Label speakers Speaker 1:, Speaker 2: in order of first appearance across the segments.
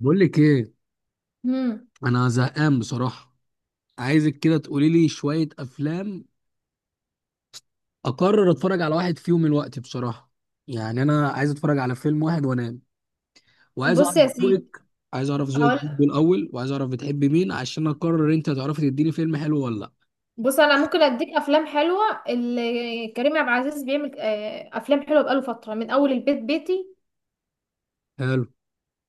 Speaker 1: بقول لك ايه؟
Speaker 2: مم.
Speaker 1: انا زهقان بصراحه. عايزك كده تقولي لي شويه افلام اقرر اتفرج على واحد فيهم الوقت بصراحه. يعني انا عايز اتفرج على فيلم واحد وانام، وعايز
Speaker 2: بص
Speaker 1: اعرف
Speaker 2: يا سيدي.
Speaker 1: ذوقك. عايز اعرف ذوقك
Speaker 2: هقول.
Speaker 1: برضه الاول، وعايز اعرف بتحبي مين عشان اقرر انت هتعرفي تديني فيلم حلو ولا لا.
Speaker 2: بص انا ممكن اديك افلام حلوه اللي كريم عبد العزيز بيعمل، افلام حلوه بقاله فتره من اول البيت بيتي.
Speaker 1: حلو.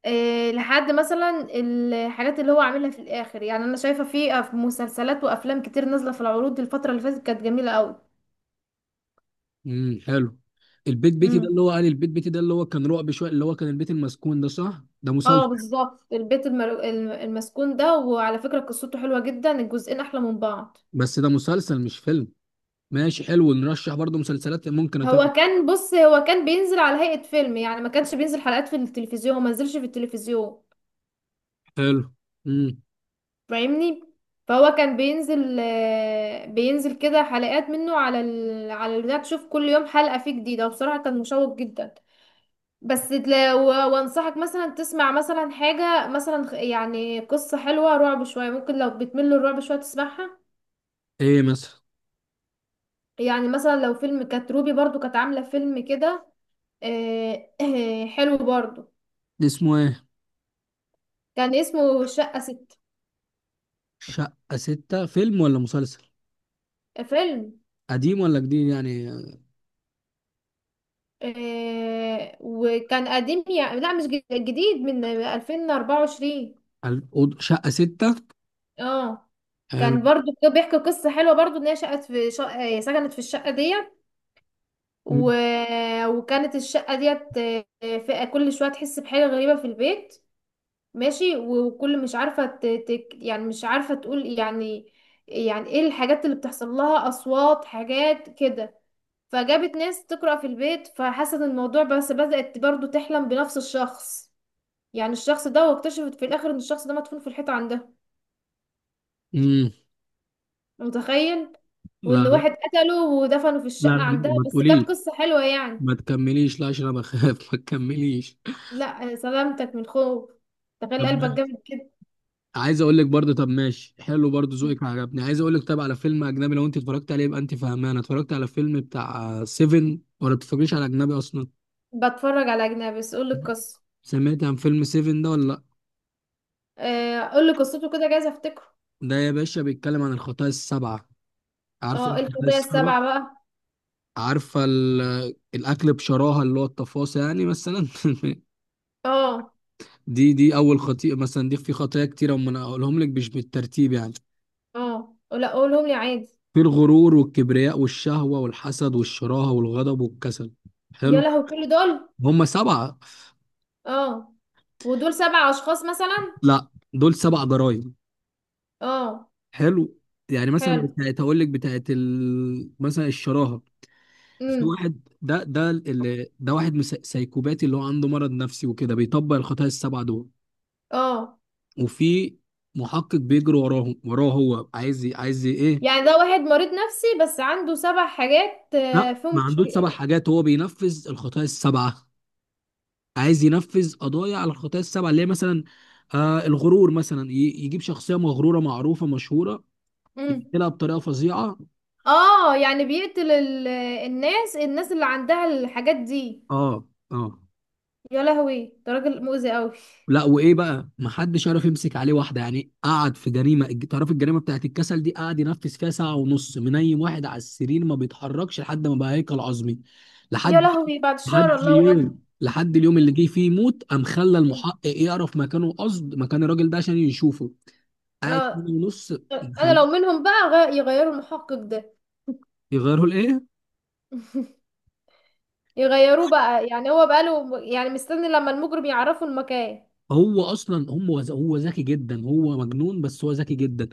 Speaker 2: لحد مثلا الحاجات اللي هو عاملها في الاخر، يعني انا شايفه في مسلسلات وافلام كتير نازله في العروض. الفتره اللي فاتت كانت جميله قوي.
Speaker 1: حلو. البيت بيتي ده
Speaker 2: امم
Speaker 1: اللي هو قال، البيت بيتي ده اللي هو كان رعب شويه، اللي هو كان البيت المسكون ده، صح؟ ده
Speaker 2: اه،
Speaker 1: مسلسل.
Speaker 2: بالظبط البيت المسكون ده، وعلى فكره قصته حلوه جدا، الجزئين احلى من بعض.
Speaker 1: بس ده مسلسل مش فيلم. ماشي، حلو، نرشح برضه مسلسلات ممكن اتابع.
Speaker 2: هو كان بينزل على هيئه فيلم، يعني ما كانش بينزل حلقات في التلفزيون، ما نزلش في التلفزيون،
Speaker 1: حلو. امم
Speaker 2: فاهمني؟ فهو كان بينزل كده حلقات منه على على البتاع، تشوف كل يوم حلقة فيه جديدة، وبصراحة كان مشوق جدا. بس لو، وانصحك مثلا تسمع مثلا حاجة مثلا يعني قصة حلوة رعب شوية، ممكن لو بتمل الرعب شوية تسمعها.
Speaker 1: ايه مثلا؟
Speaker 2: يعني مثلا لو فيلم كانت روبي برضو كانت عاملة فيلم كده. حلو برضو.
Speaker 1: اسمه ايه؟
Speaker 2: كان اسمه شقة ست.
Speaker 1: شقة ستة فيلم ولا مسلسل؟
Speaker 2: فيلم.
Speaker 1: قديم ولا جديد يعني؟
Speaker 2: آه، وكان قديم، يعني لا، مش جديد، من 2024.
Speaker 1: شقة ستة.
Speaker 2: اه،
Speaker 1: حلو.
Speaker 2: كان برضو كان بيحكي قصة حلوة برضو، ان هي شقت في شقة، سكنت في الشقة ديت و... وكانت الشقة ديت، في كل شوية تحس بحاجة غريبة في البيت. ماشي، وكل، مش عارفة يعني مش عارفة تقول يعني، يعني ايه الحاجات اللي بتحصل لها، اصوات، حاجات كده. فجابت ناس تقرأ في البيت، فحست الموضوع، بس بدأت برضو تحلم بنفس الشخص، يعني الشخص ده. واكتشفت في الاخر ان الشخص ده مدفون في الحيطه عندها.
Speaker 1: مم.
Speaker 2: متخيل؟
Speaker 1: لا
Speaker 2: وان
Speaker 1: لا.
Speaker 2: واحد قتله ودفنه في
Speaker 1: لا
Speaker 2: الشقه
Speaker 1: لا،
Speaker 2: عندها،
Speaker 1: ما
Speaker 2: بس كانت
Speaker 1: تقوليش.
Speaker 2: قصه حلوه يعني.
Speaker 1: ما تكمليش، لا عشان انا بخاف ما تكمليش.
Speaker 2: لا سلامتك من خوف. تخيل قلبك
Speaker 1: طب.
Speaker 2: جامد كده.
Speaker 1: عايز اقول لك برضه، طب ماشي، حلو برضه ذوقك عجبني، عايز اقول لك طب على فيلم اجنبي، لو انت اتفرجت عليه يبقى انت فاهمان، انا اتفرجت على فيلم بتاع سيفن، ولا بتتفرجيش على اجنبي اصلا؟
Speaker 2: بتفرج على اجنبي، بس قول لي القصه.
Speaker 1: سمعت عن فيلم سيفن ده ولا لا؟
Speaker 2: آه، قول لي قصته كده، جايز افتكره.
Speaker 1: ده يا باشا بيتكلم عن الخطايا السبعة. عارف
Speaker 2: اه، إيه
Speaker 1: الخطايا
Speaker 2: الخطايا
Speaker 1: السبعة؟
Speaker 2: السبعه بقى؟
Speaker 1: عارفة الأكل بشراهة، اللي هو التفاصيل يعني، مثلا
Speaker 2: اه.
Speaker 1: دي أول خطيئة مثلا، دي في خطايا كتيرة، أما أنا أقولهم لك مش بالترتيب يعني.
Speaker 2: اه، لا قولهم لي عادي.
Speaker 1: في الغرور والكبرياء والشهوة والحسد والشراهة والغضب والكسل.
Speaker 2: يا
Speaker 1: حلو.
Speaker 2: لهوي، كل دول؟
Speaker 1: هم سبعة.
Speaker 2: اه. ودول سبع اشخاص مثلا؟
Speaker 1: لا. دول سبع جرائم.
Speaker 2: اه.
Speaker 1: حلو. يعني مثلا
Speaker 2: حلو.
Speaker 1: بتاعت هقول لك بتاعت مثلا الشراهة. في
Speaker 2: امم
Speaker 1: واحد، ده اللي ده واحد سايكوباتي، اللي هو عنده مرض نفسي وكده، بيطبق الخطايا السبعة دول.
Speaker 2: اه،
Speaker 1: وفي محقق بيجري وراه هو عايز ايه.
Speaker 2: يعني ده واحد مريض نفسي بس عنده سبع حاجات
Speaker 1: لا ما
Speaker 2: فيهم
Speaker 1: عندوش سبع
Speaker 2: مشكلة.
Speaker 1: حاجات، هو بينفذ الخطايا السبعه. عايز ينفذ قضايا على الخطايا السبعه اللي هي مثلا، الغرور مثلا، يجيب شخصيه مغروره معروفه مشهوره،
Speaker 2: مم.
Speaker 1: يقتلها بطريقه فظيعه.
Speaker 2: اه، يعني بيقتل الناس اللي عندها الحاجات دي.
Speaker 1: اه اه.
Speaker 2: يا لهوي، ده راجل مؤذي قوي.
Speaker 1: لا، وايه بقى، ما حدش عرف يمسك عليه واحده، يعني قعد في جريمه، تعرف الجريمه بتاعت الكسل دي، قعد ينفذ فيها ساعه ونص، منيم واحد على السرير ما بيتحركش، لحد ما بقى هيكل عظمي.
Speaker 2: يا
Speaker 1: لحد
Speaker 2: لهوي، بعد الشر، الله اكبر.
Speaker 1: لحد اليوم اللي جه فيه موت، قام خلى المحقق يعرف مكانه، قصد مكان الراجل ده عشان يشوفه. قاعد سنه
Speaker 2: اه،
Speaker 1: ونص.
Speaker 2: انا لو
Speaker 1: يخليه-
Speaker 2: منهم بقى يغيروا المحقق ده.
Speaker 1: يغيره لايه؟
Speaker 2: يغيروه بقى، يعني هو بقاله يعني مستني لما المجرم يعرفوا المكان.
Speaker 1: هو اصلا هم، هو ذكي جدا، هو مجنون بس هو ذكي جدا.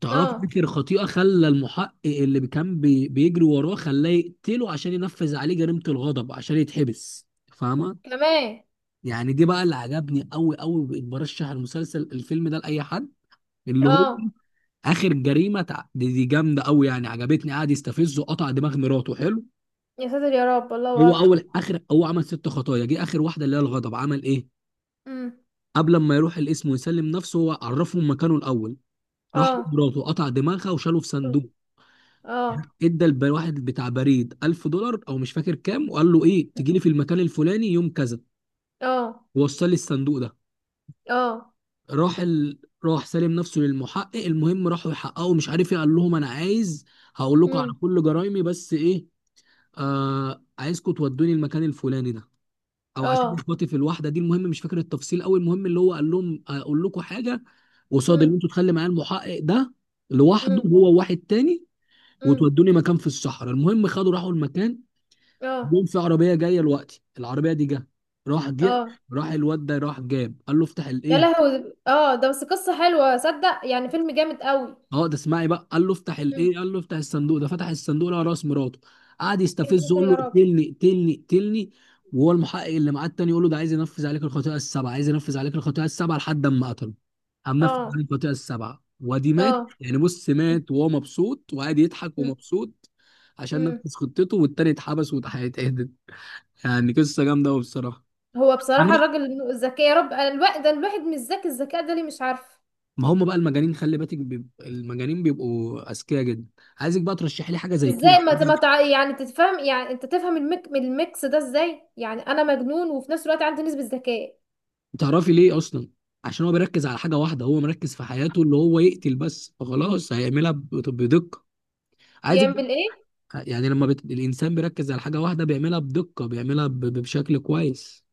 Speaker 1: تعرف
Speaker 2: اه.
Speaker 1: فكر خطيئه، خلى المحقق اللي كان بيجري وراه، خلاه يقتله عشان ينفذ عليه جريمه الغضب، عشان يتحبس فاهمه.
Speaker 2: كمان.
Speaker 1: يعني دي بقى اللي عجبني قوي قوي، بقيت برشح المسلسل الفيلم ده لاي حد. اللي هو
Speaker 2: اه.
Speaker 1: اخر جريمه دي جامده قوي، يعني عجبتني، قعد يستفزه قطع دماغ مراته. حلو.
Speaker 2: يا ساتر يا رب، الله
Speaker 1: هو
Speaker 2: اكبر.
Speaker 1: اول اخر هو عمل ست خطايا، جه اخر واحده اللي هي الغضب، عمل ايه؟
Speaker 2: امم.
Speaker 1: قبل ما يروح القسم ويسلم نفسه، هو عرفهم مكانه الاول. راح
Speaker 2: اه.
Speaker 1: مراته، قطع دماغها وشاله في صندوق.
Speaker 2: اه.
Speaker 1: ادى الواحد بتاع بريد 1000 دولار، او مش فاكر كام، وقال له ايه، تجي لي في المكان الفلاني يوم كذا،
Speaker 2: اه.
Speaker 1: ووصل لي الصندوق ده.
Speaker 2: اه.
Speaker 1: راح ال... راح سلم نفسه للمحقق. المهم راحوا يحققوا، مش عارف ايه، قال لهم انا عايز، هقول لكم على
Speaker 2: امم.
Speaker 1: كل جرايمي، بس ايه، عايزكم تودوني المكان الفلاني ده، او عشان
Speaker 2: اه.
Speaker 1: اخواتي في الواحده دي، المهم مش فاكر التفصيل قوي. المهم اللي هو قال لهم اقول لكم حاجه، قصاد اللي
Speaker 2: امم.
Speaker 1: انتوا تخلي معايا المحقق ده لوحده،
Speaker 2: امم.
Speaker 1: هو واحد تاني،
Speaker 2: امم.
Speaker 1: وتودوني مكان في الصحراء. المهم خدوا راحوا المكان،
Speaker 2: اه.
Speaker 1: جم في عربيه جايه لوقتي. العربيه دي جه، راح
Speaker 2: اه.
Speaker 1: راح الواد ده، راح جاب، قال له افتح
Speaker 2: يا
Speaker 1: الايه.
Speaker 2: لهوي. اه، ده بس قصة حلوة صدق، يعني فيلم جامد قوي.
Speaker 1: اه، ده اسمعي بقى، قال له افتح
Speaker 2: امم.
Speaker 1: الايه، قال له افتح الصندوق ده، فتح الصندوق لقى راس مراته. قعد
Speaker 2: يا
Speaker 1: يستفزه
Speaker 2: ساتر
Speaker 1: يقول له
Speaker 2: يا رب.
Speaker 1: اقتلني اقتلني اقتلني، وهو المحقق اللي معاه التاني يقول له ده عايز ينفذ عليك الخطيئه السبعه، عايز ينفذ عليك الخطيئه السبعه، لحد اما قتله. قام نفذ
Speaker 2: اه.
Speaker 1: عليك الخطيئه السبعه وادي مات.
Speaker 2: اه.
Speaker 1: يعني بص مات وهو مبسوط وقاعد يضحك
Speaker 2: امم.
Speaker 1: ومبسوط، عشان
Speaker 2: امم.
Speaker 1: نفذ خطته والتاني اتحبس واتهدد. يعني قصه جامده قوي بصراحه.
Speaker 2: هو بصراحة
Speaker 1: عامل
Speaker 2: الراجل ذكي، يا رب. الواحد ده الواحد مش ذكي، الذكاء ده ليه مش عارف.
Speaker 1: ما هم بقى المجانين، خلي بالك المجانين بيبقوا اذكياء جدا. عايزك بقى ترشح لي حاجه زي كده.
Speaker 2: ازاي ما ت- ما تع... يعني تتفهم، يعني انت تفهم الميكس ده ازاي؟ يعني انا مجنون وفي نفس الوقت عندي نسبة ذكاء.
Speaker 1: تعرفي ليه اصلا؟ عشان هو بيركز على حاجه واحده، هو مركز في حياته اللي هو يقتل بس، فخلاص هيعملها بدقه. عايزك
Speaker 2: يعمل ايه؟
Speaker 1: يعني لما الانسان بيركز على حاجه واحده بيعملها بدقه، بيعملها بشكل كويس.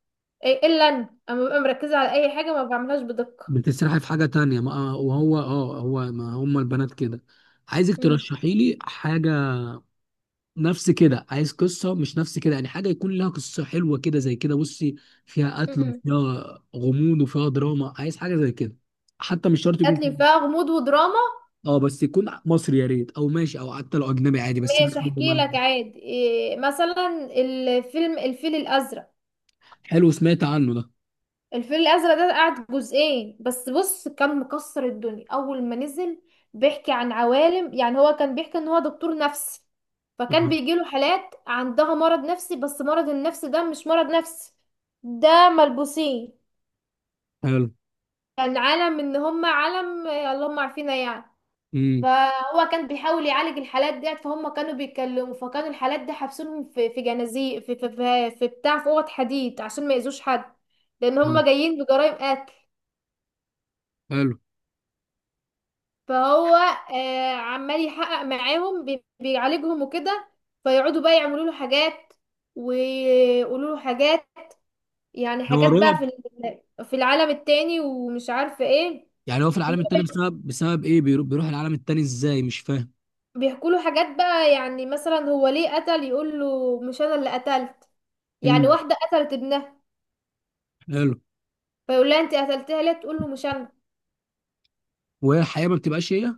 Speaker 2: إيه الا انا اما ببقى مركزة على اي حاجة ما بعملهاش بدقة.
Speaker 1: بتسرح في حاجه تانية ما... آه، وهو اه هو ما هم البنات كده. عايزك ترشحي لي حاجه نفس كده، عايز قصه، مش نفس كده يعني، حاجه يكون لها قصه حلوه كده زي كده، بصي فيها قتل
Speaker 2: امم.
Speaker 1: وفيها غموض وفيها دراما، عايز حاجه زي كده. حتى مش شرط يكون
Speaker 2: هاتلي
Speaker 1: كده.
Speaker 2: فيها غموض ودراما.
Speaker 1: اه بس يكون مصري يا ريت، او ماشي، او حتى لو اجنبي عادي بس يكون
Speaker 2: ماشي،
Speaker 1: حلو
Speaker 2: احكي
Speaker 1: معايا.
Speaker 2: لك عادي. إيه مثلا؟ الفيلم الفيل الازرق.
Speaker 1: حلو، سمعت عنه ده.
Speaker 2: الفيل الازرق ده قعد جزئين، بس بص كان مكسر الدنيا اول ما نزل. بيحكي عن عوالم، يعني هو كان بيحكي ان هو دكتور نفسي، فكان
Speaker 1: آه،
Speaker 2: بيجيله حالات عندها مرض نفسي، بس مرض النفس ده مش مرض نفسي، ده ملبوسين.
Speaker 1: حلو.
Speaker 2: كان عالم ان هم عالم، اللهم عارفينها يعني.
Speaker 1: امم
Speaker 2: فهو كان بيحاول يعالج الحالات ديت، فهم كانوا بيتكلموا، فكانوا الحالات دي حابسينهم في جنازير، في بتاع، في اوض حديد، عشان ما يأذوش حد، لان هم جايين بجرائم قتل.
Speaker 1: حلو.
Speaker 2: فهو آه، عمال يحقق معاهم، بيعالجهم وكده. فيقعدوا بقى يعملوا له حاجات، ويقولوا له حاجات، يعني
Speaker 1: ده هو
Speaker 2: حاجات بقى
Speaker 1: رعب؟
Speaker 2: في في العالم التاني، ومش عارفه ايه.
Speaker 1: يعني هو في العالم التاني
Speaker 2: ويقعد-
Speaker 1: بسبب ايه، بيروح العالم التاني ازاي؟ مش فاهم.
Speaker 2: بيحكوا له حاجات بقى، يعني مثلا هو ليه قتل، يقول له مش انا اللي قتلت. يعني
Speaker 1: امم.
Speaker 2: واحدة قتلت ابنها،
Speaker 1: حلو.
Speaker 2: فيقول لها انت قتلتها ليه، تقول له مش انا.
Speaker 1: وهي الحقيقه ما بتبقاش هي.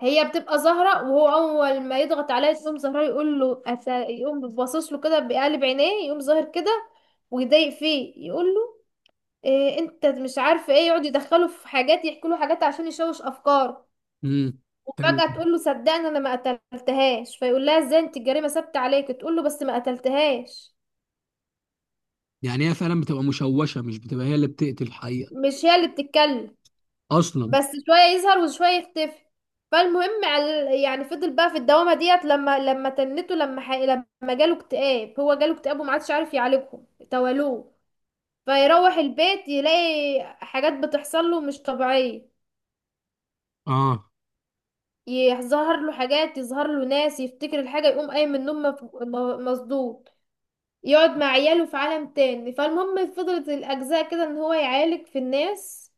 Speaker 2: هي بتبقى زهرة، وهو اول ما يضغط عليها يقوم زهرة يقول له، يقوم باصص له كده بقلب عينيه، يقوم ظاهر كده ويضايق فيه، يقول له إيه، انت مش عارفة ايه. يقعد يدخله في حاجات، يحكي له حاجات عشان يشوش افكاره.
Speaker 1: امم. حلو.
Speaker 2: وفجأة تقول له صدقني انا ما قتلتهاش، فيقول لها ازاي، انت الجريمة ثابتة عليك، تقول له بس ما قتلتهاش.
Speaker 1: يعني هي فعلا بتبقى مشوشه، مش بتبقى هي اللي بتقتل الحقيقه
Speaker 2: مش هي اللي بتتكلم.
Speaker 1: اصلا.
Speaker 2: بس شوية يظهر وشوية يختفي. فالمهم يعني فضل بقى في الدوامة ديت، لما تنته، لما لما جاله اكتئاب. هو جاله اكتئاب وما عادش عارف يعالجهم توالوه. فيروح البيت يلاقي حاجات بتحصل له مش طبيعية،
Speaker 1: اه.
Speaker 2: يظهر له حاجات، يظهر له ناس، يفتكر الحاجة يقوم قايم من النوم مصدوم، يقعد مع عياله في عالم تاني. فالمهم فضلت الأجزاء كده، ان هو يعالج في الناس،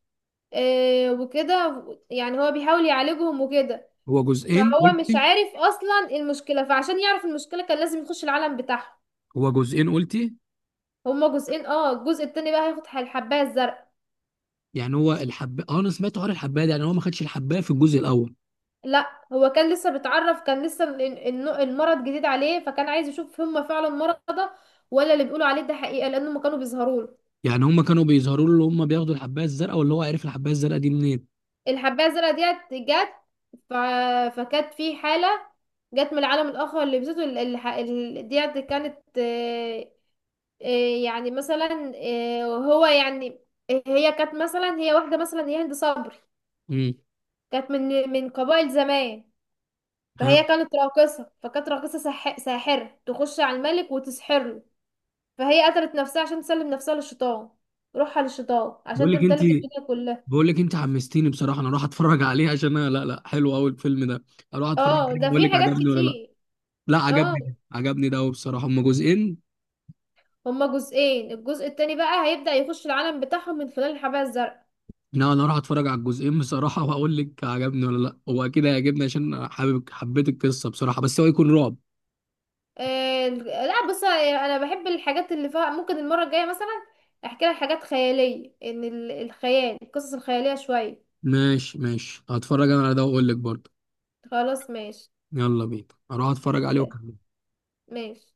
Speaker 2: آه، وكده، يعني هو بيحاول يعالجهم وكده.
Speaker 1: هو جزئين
Speaker 2: فهو مش
Speaker 1: قلتي؟
Speaker 2: عارف اصلا المشكله، فعشان يعرف المشكله كان لازم يخش العالم بتاعهم.
Speaker 1: هو جزئين قلتي؟
Speaker 2: هما جزئين، اه، الجزء التاني بقى هياخد الحبايه الزرقاء.
Speaker 1: يعني هو الحب، اه انا سمعت حوار الحبايه ده، يعني هو ما خدش الحبايه في الجزء الاول؟
Speaker 2: لا، هو كان لسه بيتعرف، كان لسه المرض جديد عليه، فكان عايز يشوف هما فعلا مرضى، ولا اللي بيقولوا عليه ده حقيقه، لان هما كانوا بيظهروا له.
Speaker 1: يعني هم كانوا بيظهروا له، اللي هم بياخدوا الحبايه الزرقاء، واللي هو عرف الحبايه الزرقاء دي منين؟
Speaker 2: الحبايه الزرقاء ديت جت، ف... فكانت في حاله، جت من العالم الاخر. اللي لبسته ديت كانت، إيه يعني مثلا، إيه هو يعني؟ هي كانت مثلا، هي واحدة مثلا، هي هند صبري،
Speaker 1: امم.
Speaker 2: كانت من قبائل زمان.
Speaker 1: ها.
Speaker 2: فهي كانت راقصة، فكانت راقصة ساحرة، تخش على الملك وتسحر له. فهي قتلت نفسها عشان تسلم نفسها للشيطان، روحها للشيطان، عشان
Speaker 1: بقول لك انت،
Speaker 2: تمتلك الدنيا كلها.
Speaker 1: بقول لك انت حمستيني بصراحه، انا اروح اتفرج عليه، عشان انا لا لا حلو قوي الفيلم ده. اروح اتفرج
Speaker 2: اه،
Speaker 1: عليه
Speaker 2: ده
Speaker 1: بقول
Speaker 2: في
Speaker 1: لك
Speaker 2: حاجات
Speaker 1: عجبني ولا لا.
Speaker 2: كتير.
Speaker 1: لا
Speaker 2: اه،
Speaker 1: عجبني ده، عجبني ده قوي بصراحه. هم جزئين؟
Speaker 2: هما جزئين، الجزء التاني بقى هيبدأ يخش العالم بتاعهم من خلال الحباية الزرقاء.
Speaker 1: لا انا اروح اتفرج على الجزئين بصراحه، واقول لك عجبني ولا لا. هو اكيد هيعجبني، عشان أنا حابب حبيت القصه بصراحه، بس هو يكون رعب؟
Speaker 2: آه، لا، بص انا بحب الحاجات اللي فيها، ممكن المره الجايه مثلا احكي لك حاجات خياليه، ان الخيال، القصص الخياليه شويه.
Speaker 1: ماشي ماشي، هتفرج انا على ده واقول لك برضه.
Speaker 2: خلاص ماشي.
Speaker 1: يلا بينا اروح اتفرج عليه
Speaker 2: سلام.
Speaker 1: واكلمك.
Speaker 2: ماشي